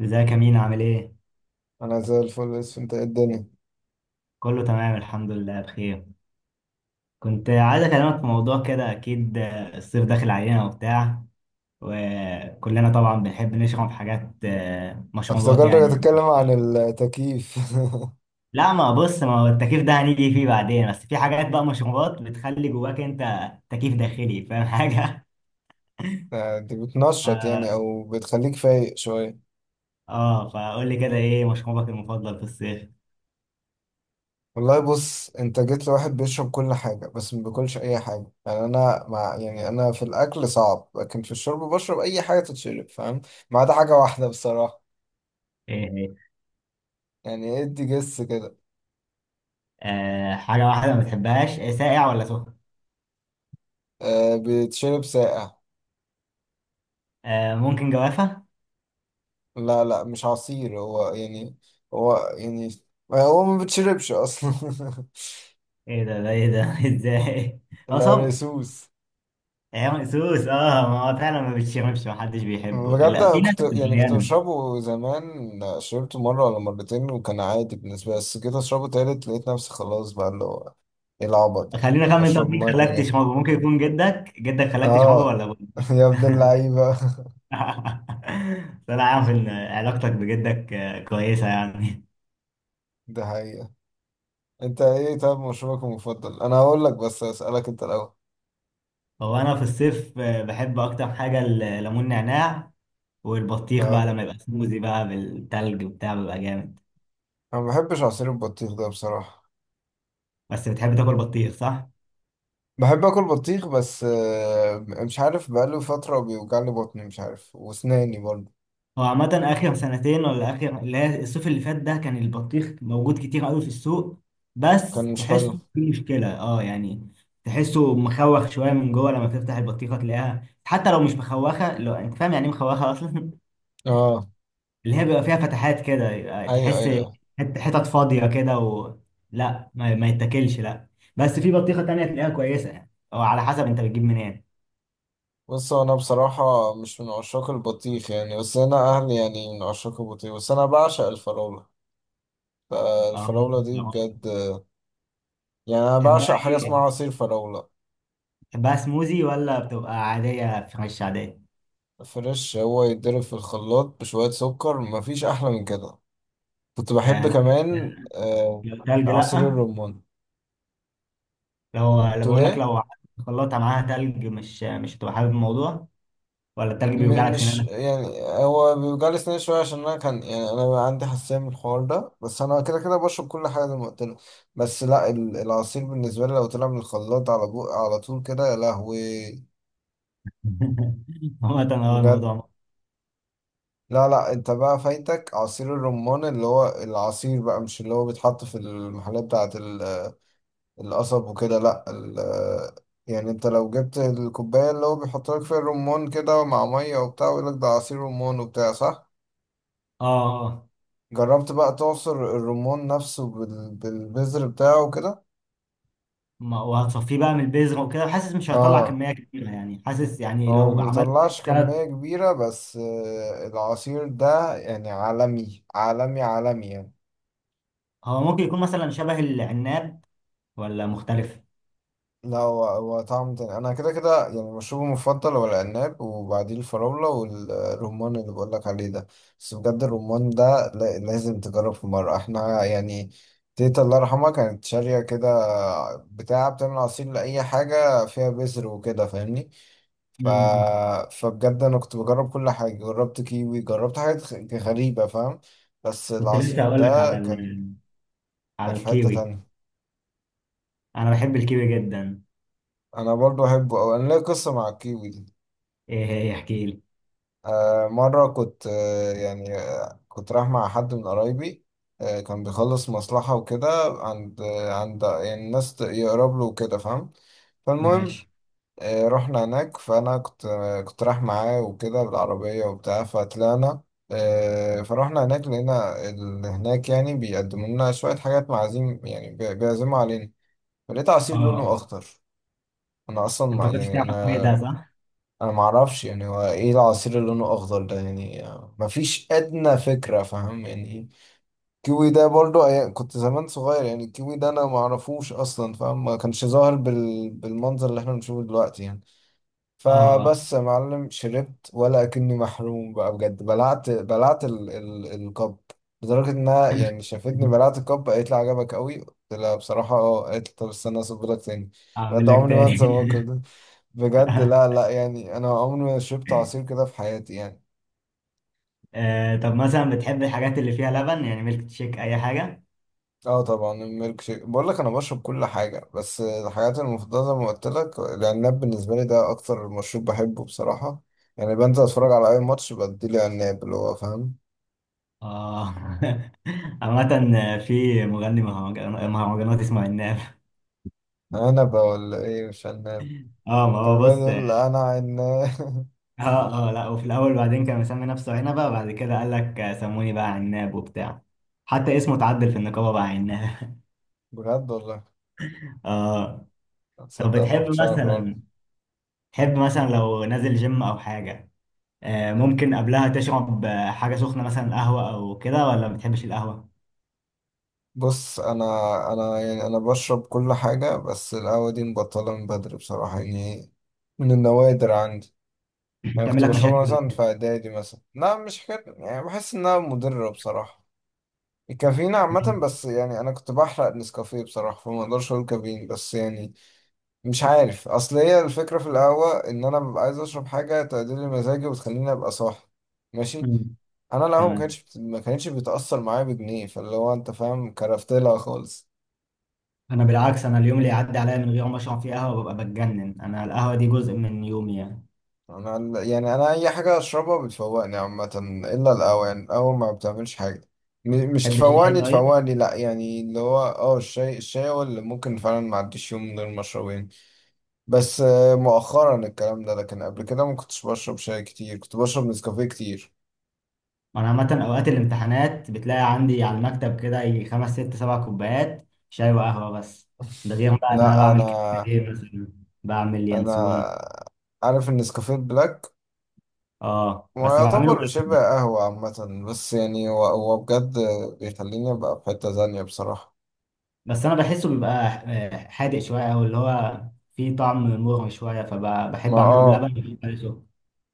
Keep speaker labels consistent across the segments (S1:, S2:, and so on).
S1: ازيك يا مينا؟ عامل ايه؟
S2: انا زي الفل، بس انت إيه الدنيا؟
S1: كله تمام، الحمد لله بخير. كنت عايز اكلمك في موضوع كده، اكيد الصيف داخل علينا وبتاع، وكلنا طبعا بنحب نشرب حاجات، مشروبات
S2: افتكرتك
S1: يعني.
S2: هتتكلم عن التكييف
S1: لا، ما بص، ما هو التكييف ده هنيجي فيه بعدين، بس في حاجات بقى، مشروبات بتخلي جواك انت تكييف داخلي، فاهم حاجة؟
S2: دي بتنشط يعني
S1: اه.
S2: او بتخليك فايق شويه؟
S1: فقول لي كده، ايه مشروبك المفضل في الصيف؟
S2: والله بص، انت جيت لواحد بيشرب كل حاجه بس ما بياكلش اي حاجه. يعني انا مع، يعني انا في الاكل صعب لكن في الشرب بشرب اي حاجه تتشرب، فاهم؟ ما عدا حاجه واحده بصراحه.
S1: ايه هي؟
S2: يعني ادي جس كده.
S1: آه، حاجة واحدة ما بتحبهاش. ساقع ولا سخن؟
S2: أه، بيتشرب ساقع.
S1: آه، ممكن جوافة؟
S2: لا لا، مش عصير هو يعني. هو يعني هو ما بيتشربش اصلا.
S1: ايه ده؟ ايه ده ازاي؟ اه صبر.
S2: العرقسوس.
S1: ايام مقسوس، اه ما هو فعلا ما بتشربش، ما حدش بيحبه،
S2: بجد
S1: لا
S2: أنا
S1: في ناس
S2: كنت يعني كنت
S1: معينه.
S2: بشربه زمان، شربته مرة ولا مرتين وكان عادي بالنسبة لي، بس جيت أشربه تالت لقيت نفسي خلاص بقى اللي هو إيه العبط ده.
S1: خلينا اخمن،
S2: بشرب
S1: طب مين
S2: مية
S1: خلاك
S2: مجاهي.
S1: تشربه؟ ممكن يكون جدك خلاك تشربه
S2: آه.
S1: ولا ابوك؟
S2: يا ابن اللعيبة.
S1: طلع عارف ان علاقتك بجدك كويسه يعني.
S2: ده حقيقة. أنت إيه طب مشروبك المفضل؟ أنا هقول لك بس أسألك أنت الأول.
S1: هو انا في الصيف بحب اكتر حاجه الليمون نعناع، والبطيخ بقى
S2: آه.
S1: لما يبقى سموزي بقى بالتلج وبتاع بيبقى جامد.
S2: أنا ما بحبش عصير البطيخ ده بصراحة.
S1: بس بتحب تاكل بطيخ، صح؟
S2: بحب آكل بطيخ بس آه مش عارف، بقاله فترة بيوجعلي بطني مش عارف، وأسناني برضه.
S1: هو عامة آخر سنتين، ولا آخر اللي هي الصيف اللي فات ده، كان البطيخ موجود كتير قوي في السوق، بس
S2: كان مش حلو.
S1: تحسه في مشكلة، اه يعني. تحسه مخوخ شوية من جوه، لما تفتح البطيخة تلاقيها، حتى لو مش مخوخة، لو انت فاهم يعني ايه مخوخة أصلا.
S2: آه.
S1: اللي هي بيبقى فيها فتحات كده، يبقى
S2: أيوه
S1: تحس
S2: أيوه.
S1: حتت فاضية كده، و لا ما يتاكلش، لا. بس في بطيخة تانية تلاقيها كويسة يعني، أو على حسب انت بتجيب منين.
S2: بص، هو انا بصراحة مش من عشاق البطيخ يعني، بس انا اهلي يعني من عشاق البطيخ، بس انا بعشق الفراولة. الفراولة دي
S1: اه،
S2: بجد. يعني انا
S1: تحبها
S2: بعشق حاجة
S1: ايه؟
S2: اسمها عصير فراولة.
S1: تحبها سموزي ولا بتبقى عادية فريش عادية؟
S2: فريش، هو يتضرب في الخلاط بشوية سكر، مفيش احلى من كده. كنت
S1: آه،
S2: بحب
S1: لا،
S2: كمان
S1: لا، لو تلج
S2: عصير
S1: لا.
S2: الرمان.
S1: لو
S2: تقول
S1: بقول لك،
S2: إيه؟
S1: لو خلطها معاها تلج مش هتبقى حابب الموضوع، ولا التلج بيوجع لك
S2: مش
S1: سنانك.
S2: يعني هو بيوجعلي سناني شوية، عشان أنا كان يعني أنا عندي حساسية من الحوار ده، بس أنا كده كده بشرب كل حاجة زي ما قلت لك. بس لا، العصير بالنسبة لي لو طلع من الخلاط على بو على طول كده، يا لهوي.
S1: عامة هو
S2: بجد.
S1: الموضوع.
S2: لا لا، أنت بقى فايتك عصير الرمان، اللي هو العصير بقى، مش اللي هو بيتحط في المحلات بتاعة القصب وكده، لا يعني انت لو جبت الكوباية اللي هو بيحط لك فيها الرمان كده مع مية وبتاع ويقول لك ده عصير رمان وبتاع، صح؟
S1: اه اه،
S2: جربت بقى تعصر الرمان نفسه بالبذر بتاعه كده.
S1: وهتصفيه بقى من البذرة وكده، وحاسس مش هيطلع
S2: اه.
S1: كمية كبيرة يعني، حاسس يعني
S2: هو
S1: لو
S2: ما
S1: عملت
S2: بيطلعش
S1: تلات.
S2: كمية كبيرة، بس آه، العصير ده يعني عالمي عالمي عالمي يعني.
S1: هو ممكن يكون مثلا شبه العناب، ولا مختلف؟
S2: لا، هو هو طعم تاني. انا كده كده يعني مشروبي المفضل هو العناب، وبعديه الفراولة والرمان اللي بقولك عليه ده. بس بجد الرمان ده لازم تجرب في مرة. احنا يعني تيتا الله يرحمها كانت شارية كده بتاع، بتعمل عصير لأي حاجة فيها بذر وكده، فاهمني؟ ف...
S1: مم.
S2: فبجد انا كنت بجرب كل حاجه، جربت كيوي، جربت حاجات غريبه، فاهم؟ بس
S1: كنت لسه
S2: العصير
S1: هقول لك
S2: ده
S1: على
S2: كان
S1: على
S2: كان في حته
S1: الكيوي.
S2: تانية.
S1: انا بحب الكيوي جدا.
S2: انا برضو احبه، او انا ليا قصه مع الكيوي دي.
S1: ايه هي؟ احكي لي.
S2: آه، مره كنت كنت رايح مع حد من قرايبي، آه كان بيخلص مصلحه وكده عند عند يعني الناس يقرب له وكده، فاهم؟ فالمهم
S1: ماشي.
S2: آه، رحنا هناك. فانا كنت كنت رايح معاه وكده بالعربيه وبتاع، فطلعنا آه، فروحنا هناك، لقينا اللي هناك يعني بيقدموا لنا شويه حاجات، معازيم يعني، بيعزموا علينا. فلقيت عصير لونه
S1: اه،
S2: اخضر. انا اصلا
S1: انت
S2: ما
S1: ما كنتش
S2: يعني
S1: تعمل الكيوي ده،
S2: انا
S1: صح؟
S2: انا ما اعرفش يعني هو ايه العصير اللي لونه اخضر ده يعني، آه، ما فيش ادنى فكره، فاهم يعني إيه؟ الكيوي ده برضو كنت زمان صغير، يعني الكيوي ده انا ما اعرفوش اصلا، فاهم؟ ما كانش ظاهر بالمنظر اللي احنا بنشوفه دلوقتي يعني.
S1: اه. آه.
S2: فبس يا معلم شربت، ولا اكني محروم بقى بجد، بلعت بلعت ال ال الكب. لدرجة انها يعني شافتني بلعت الكب قالت لي عجبك قوي، قلت لها بصراحة اه، قالت لي طب استنى اصب لك تاني. بجد
S1: اعمل لك
S2: عمري ما
S1: تاني.
S2: انسى الموقف ده. بجد لا لا، يعني انا عمري ما شربت عصير كده في حياتي يعني.
S1: طب مثلا بتحب الحاجات اللي فيها لبن يعني، ميلك تشيك، اي حاجه؟
S2: اه طبعا الميلك شيك، بقول لك انا بشرب كل حاجة، بس الحاجات المفضلة زي ما قلت لك العناب، بالنسبة لي ده اكتر مشروب بحبه بصراحة. يعني بنزل اتفرج على اي ماتش بديلي عناب اللي هو فاهم.
S1: اه. عامة، في مغني مهرجانات اسمه عناب.
S2: انا ولا ايه؟ مش عناب.
S1: اه ما
S2: طب
S1: هو
S2: بقى
S1: بص،
S2: يقول لي انا عناب.
S1: اه اه لا، وفي الاول بعدين كان مسمي نفسه عنبه، وبعد كده قال لك سموني بقى عناب وبتاع. حتى اسمه اتعدل في النقابه بقى عناب.
S2: بجد والله؟
S1: اه. طب
S2: تصدق ما
S1: بتحب
S2: كنتش اعرف الأول.
S1: مثلا، تحب مثلا لو نازل جيم او حاجه، ممكن قبلها تشرب حاجة سخنة مثلا، قهوة أو كده، ولا ما بتحبش القهوة؟
S2: بص، انا انا يعني انا بشرب كل حاجه، بس القهوه دي مبطله من بدري بصراحه يعني. من النوادر عندي. يعني
S1: بتعمل
S2: كنت
S1: لك
S2: بشربها
S1: مشاكل ولا؟
S2: مثلا في اعدادي مثلا، لا مش حكايه، يعني بحس انها مضره بصراحه، الكافيين
S1: إيه؟
S2: عامه. بس يعني انا كنت بحرق نسكافيه بصراحه، فما اقدرش اقول كافيين، بس يعني مش عارف. اصل هي الفكره في القهوه ان انا ببقى عايز اشرب حاجه تعدل لي مزاجي وتخليني ابقى صاحي، ماشي؟
S1: مم.
S2: انا القهوه
S1: تمام.
S2: ما كانتش بتاثر معايا بجنيه، فاللي هو انت فاهم كرفت لها خالص.
S1: أنا بالعكس، أنا اليوم اللي يعدي عليا من غير ما أشرب فيه قهوة ببقى بتجنن، أنا القهوة دي جزء من يومي يعني.
S2: انا يعني انا اي حاجه اشربها بتفوقني عامه، الا القهوه، يعني القهوه ما بتعملش حاجه. مش
S1: تحب الشاي
S2: تفوقني
S1: طيب؟
S2: تفوقني لا، يعني اللي هو اه الشاي، الشاي هو اللي ممكن فعلا ما عديش يوم من غير ما اشربه يعني. بس آه، مؤخرا الكلام ده، لكن قبل كده ما كنتش بشرب شاي كتير، كنت بشرب نسكافيه كتير.
S1: أنا عامة أوقات الامتحانات بتلاقي عندي على المكتب كده يجي خمس ست سبع كوبايات شاي وقهوة، بس ده غير بقى إن أنا
S2: لا
S1: بعمل
S2: انا
S1: كده. إيه مثلا؟ بعمل ينسون.
S2: انا عارف ان نسكافيه بلاك
S1: أه بس بعمله
S2: ويعتبر شبه
S1: بلبن.
S2: قهوة عامة، بس يعني هو هو بجد بيخليني ابقى في حتة تانية بصراحة.
S1: بس انا بحسه بيبقى حادق شويه، او اللي هو فيه طعم مر شويه،
S2: ما
S1: فبحب اعمله
S2: اه،
S1: بلبن بيبقى له سكر.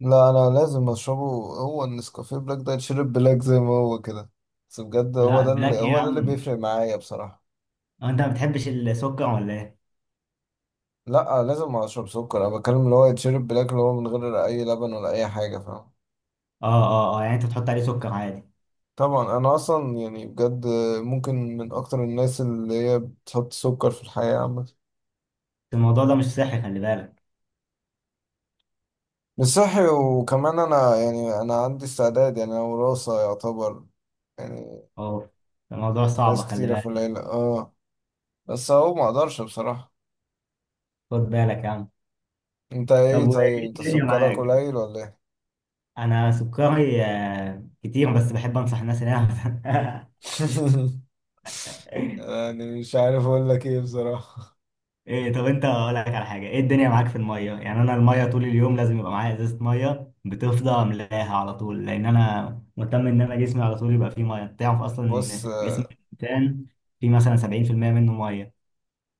S2: لا انا لازم اشربه. هو النسكافيه بلاك ده يتشرب بلاك زي ما هو كده، بس بجد هو
S1: لا،
S2: ده اللي
S1: بلاك ايه يا
S2: هو ده اللي
S1: عم؟
S2: بيفرق معايا بصراحة.
S1: هو انت ما بتحبش السكر ولا ايه؟
S2: لا لازم اشرب سكر، انا بتكلم اللي هو يتشرب بلاك، اللي هو من غير اي لبن ولا اي حاجة، فاهم؟
S1: اه اه اه، يعني انت بتحط عليه سكر عادي.
S2: طبعا انا اصلا يعني بجد ممكن من اكتر الناس اللي هي بتحط سكر في الحياة عامة.
S1: الموضوع ده مش صحي، خلي بالك.
S2: مش صحي، وكمان انا يعني انا عندي استعداد، يعني انا وراثة يعتبر، يعني
S1: اه الموضوع صعب،
S2: ناس
S1: خلي
S2: كتيرة في
S1: بالك.
S2: العيلة اه. بس اهو ما اقدرش بصراحة.
S1: خد بالك يا عم.
S2: انت
S1: طب
S2: ايه طيب،
S1: وايه
S2: انت
S1: الدنيا
S2: سكرك
S1: معاك؟
S2: قليل ولا ايه؟
S1: انا سكري كتير، بس بحب انصح الناس انها.
S2: يعني مش عارف اقول لك ايه بصراحة.
S1: ايه طب، انت اقول لك على حاجه، ايه الدنيا معاك في الميه؟ يعني انا الميه طول اليوم لازم يبقى معايا ازازه ميه، بتفضى املاها على طول، لان انا مهتم ان انا جسمي على طول يبقى فيه ميه. انت تعرف اصلا
S2: بص،
S1: ان جسم الانسان فيه مثلا 70% منه ميه.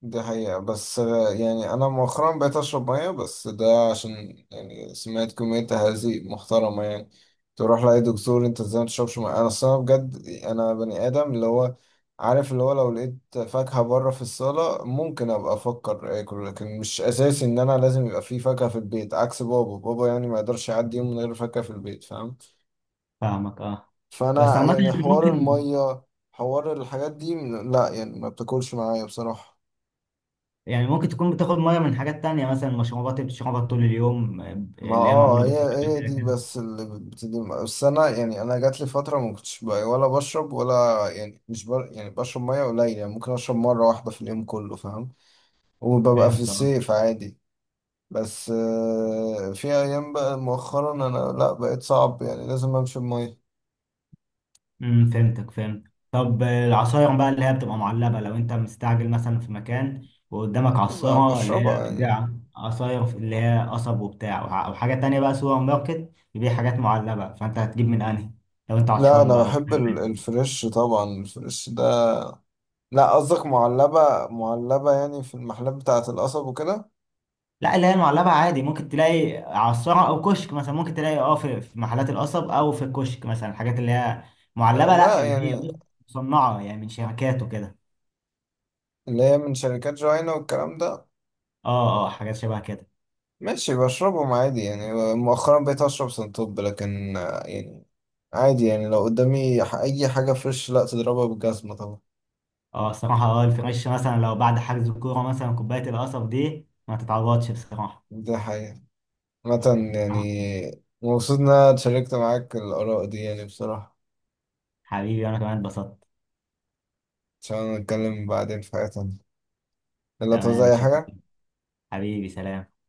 S2: ده حقيقة، بس آه، يعني أنا مؤخرا بقيت أشرب مية، بس ده عشان يعني سمعت كمية تهذيب محترمة يعني، تروح لأي دكتور أنت إزاي متشربش مية. أنا الصراحة بجد أنا بني آدم اللي هو عارف اللي هو لو لقيت فاكهة بره في الصالة ممكن أبقى أفكر آكل، لكن مش أساسي إن أنا لازم يبقى في فاكهة في البيت، عكس بابا، بابا يعني ما يقدرش يعدي يوم من غير فاكهة في البيت، فاهم؟
S1: فاهمك اه. بس
S2: فأنا
S1: عامه
S2: يعني
S1: انت
S2: حوار
S1: ممكن،
S2: المية، حوار الحاجات دي، لا يعني ما بتاكلش معايا بصراحة.
S1: يعني ممكن تكون بتاخد ميه من حاجات تانية، مثلا مشروبات اللي بتشربها طول اليوم،
S2: ما
S1: اللي هي
S2: اه،
S1: معموله
S2: هي
S1: بالميه كده
S2: هي دي
S1: كده.
S2: بس اللي بتدي. بس انا يعني انا جات لي فتره ما كنتش ولا بشرب، ولا يعني مش بر... يعني بشرب ميه قليل يعني، ممكن اشرب مره واحده في اليوم كله، فاهم؟ وببقى في
S1: فهمت آه.
S2: الصيف عادي. بس آه، في ايام بقى مؤخرا انا لا، بقيت صعب يعني لازم امشي بميه.
S1: امم، فهمتك، فهمت. طب العصاير بقى اللي هي بتبقى معلبة، لو انت مستعجل مثلا في مكان وقدامك عصارة اللي هي
S2: بشربها يعني.
S1: بتبيع عصاير، اللي هي قصب وبتاع، او حاجة تانية بقى سوبر ماركت بيبيع حاجات معلبة، فانت هتجيب من انهي لو انت
S2: لا
S1: عطشان
S2: انا
S1: بقى
S2: بحب
S1: وبتاع؟
S2: الفريش، طبعا الفريش ده. لا قصدك معلبه؟ معلبه يعني في المحلات بتاعه القصب وكده؟
S1: لا اللي هي المعلبة عادي، ممكن تلاقي عصارة او كشك مثلا، ممكن تلاقي اه في محلات القصب او في الكشك مثلا الحاجات اللي هي معلبة، لا
S2: لا
S1: اللي هي،
S2: يعني
S1: بص، مصنعة يعني من شركات وكده.
S2: اللي هي من شركات جوينا والكلام ده.
S1: اه اه، حاجات شبه كده.
S2: ماشي، بشربهم عادي يعني. مؤخرا بقيت أشرب سنتوب، لكن آه، يعني عادي يعني. لو قدامي أي حاجة فريش لا تضربها بالجزمة طبعا.
S1: اه الصراحة، اه الفريش، مثلا لو بعد حجز الكورة مثلا كوباية القصب دي ما تتعوضش بصراحة.
S2: دي حقيقة. مثلا يعني
S1: آه،
S2: مبسوط إن أنا اتشاركت معاك الآراء دي يعني بصراحة.
S1: حبيبي أنا كمان اتبسطت.
S2: عشان نتكلم بعدين في حاجة تانية، يلا، تعوز
S1: تمام إن
S2: أي
S1: شاء
S2: حاجة؟
S1: الله. حبيبي سلام.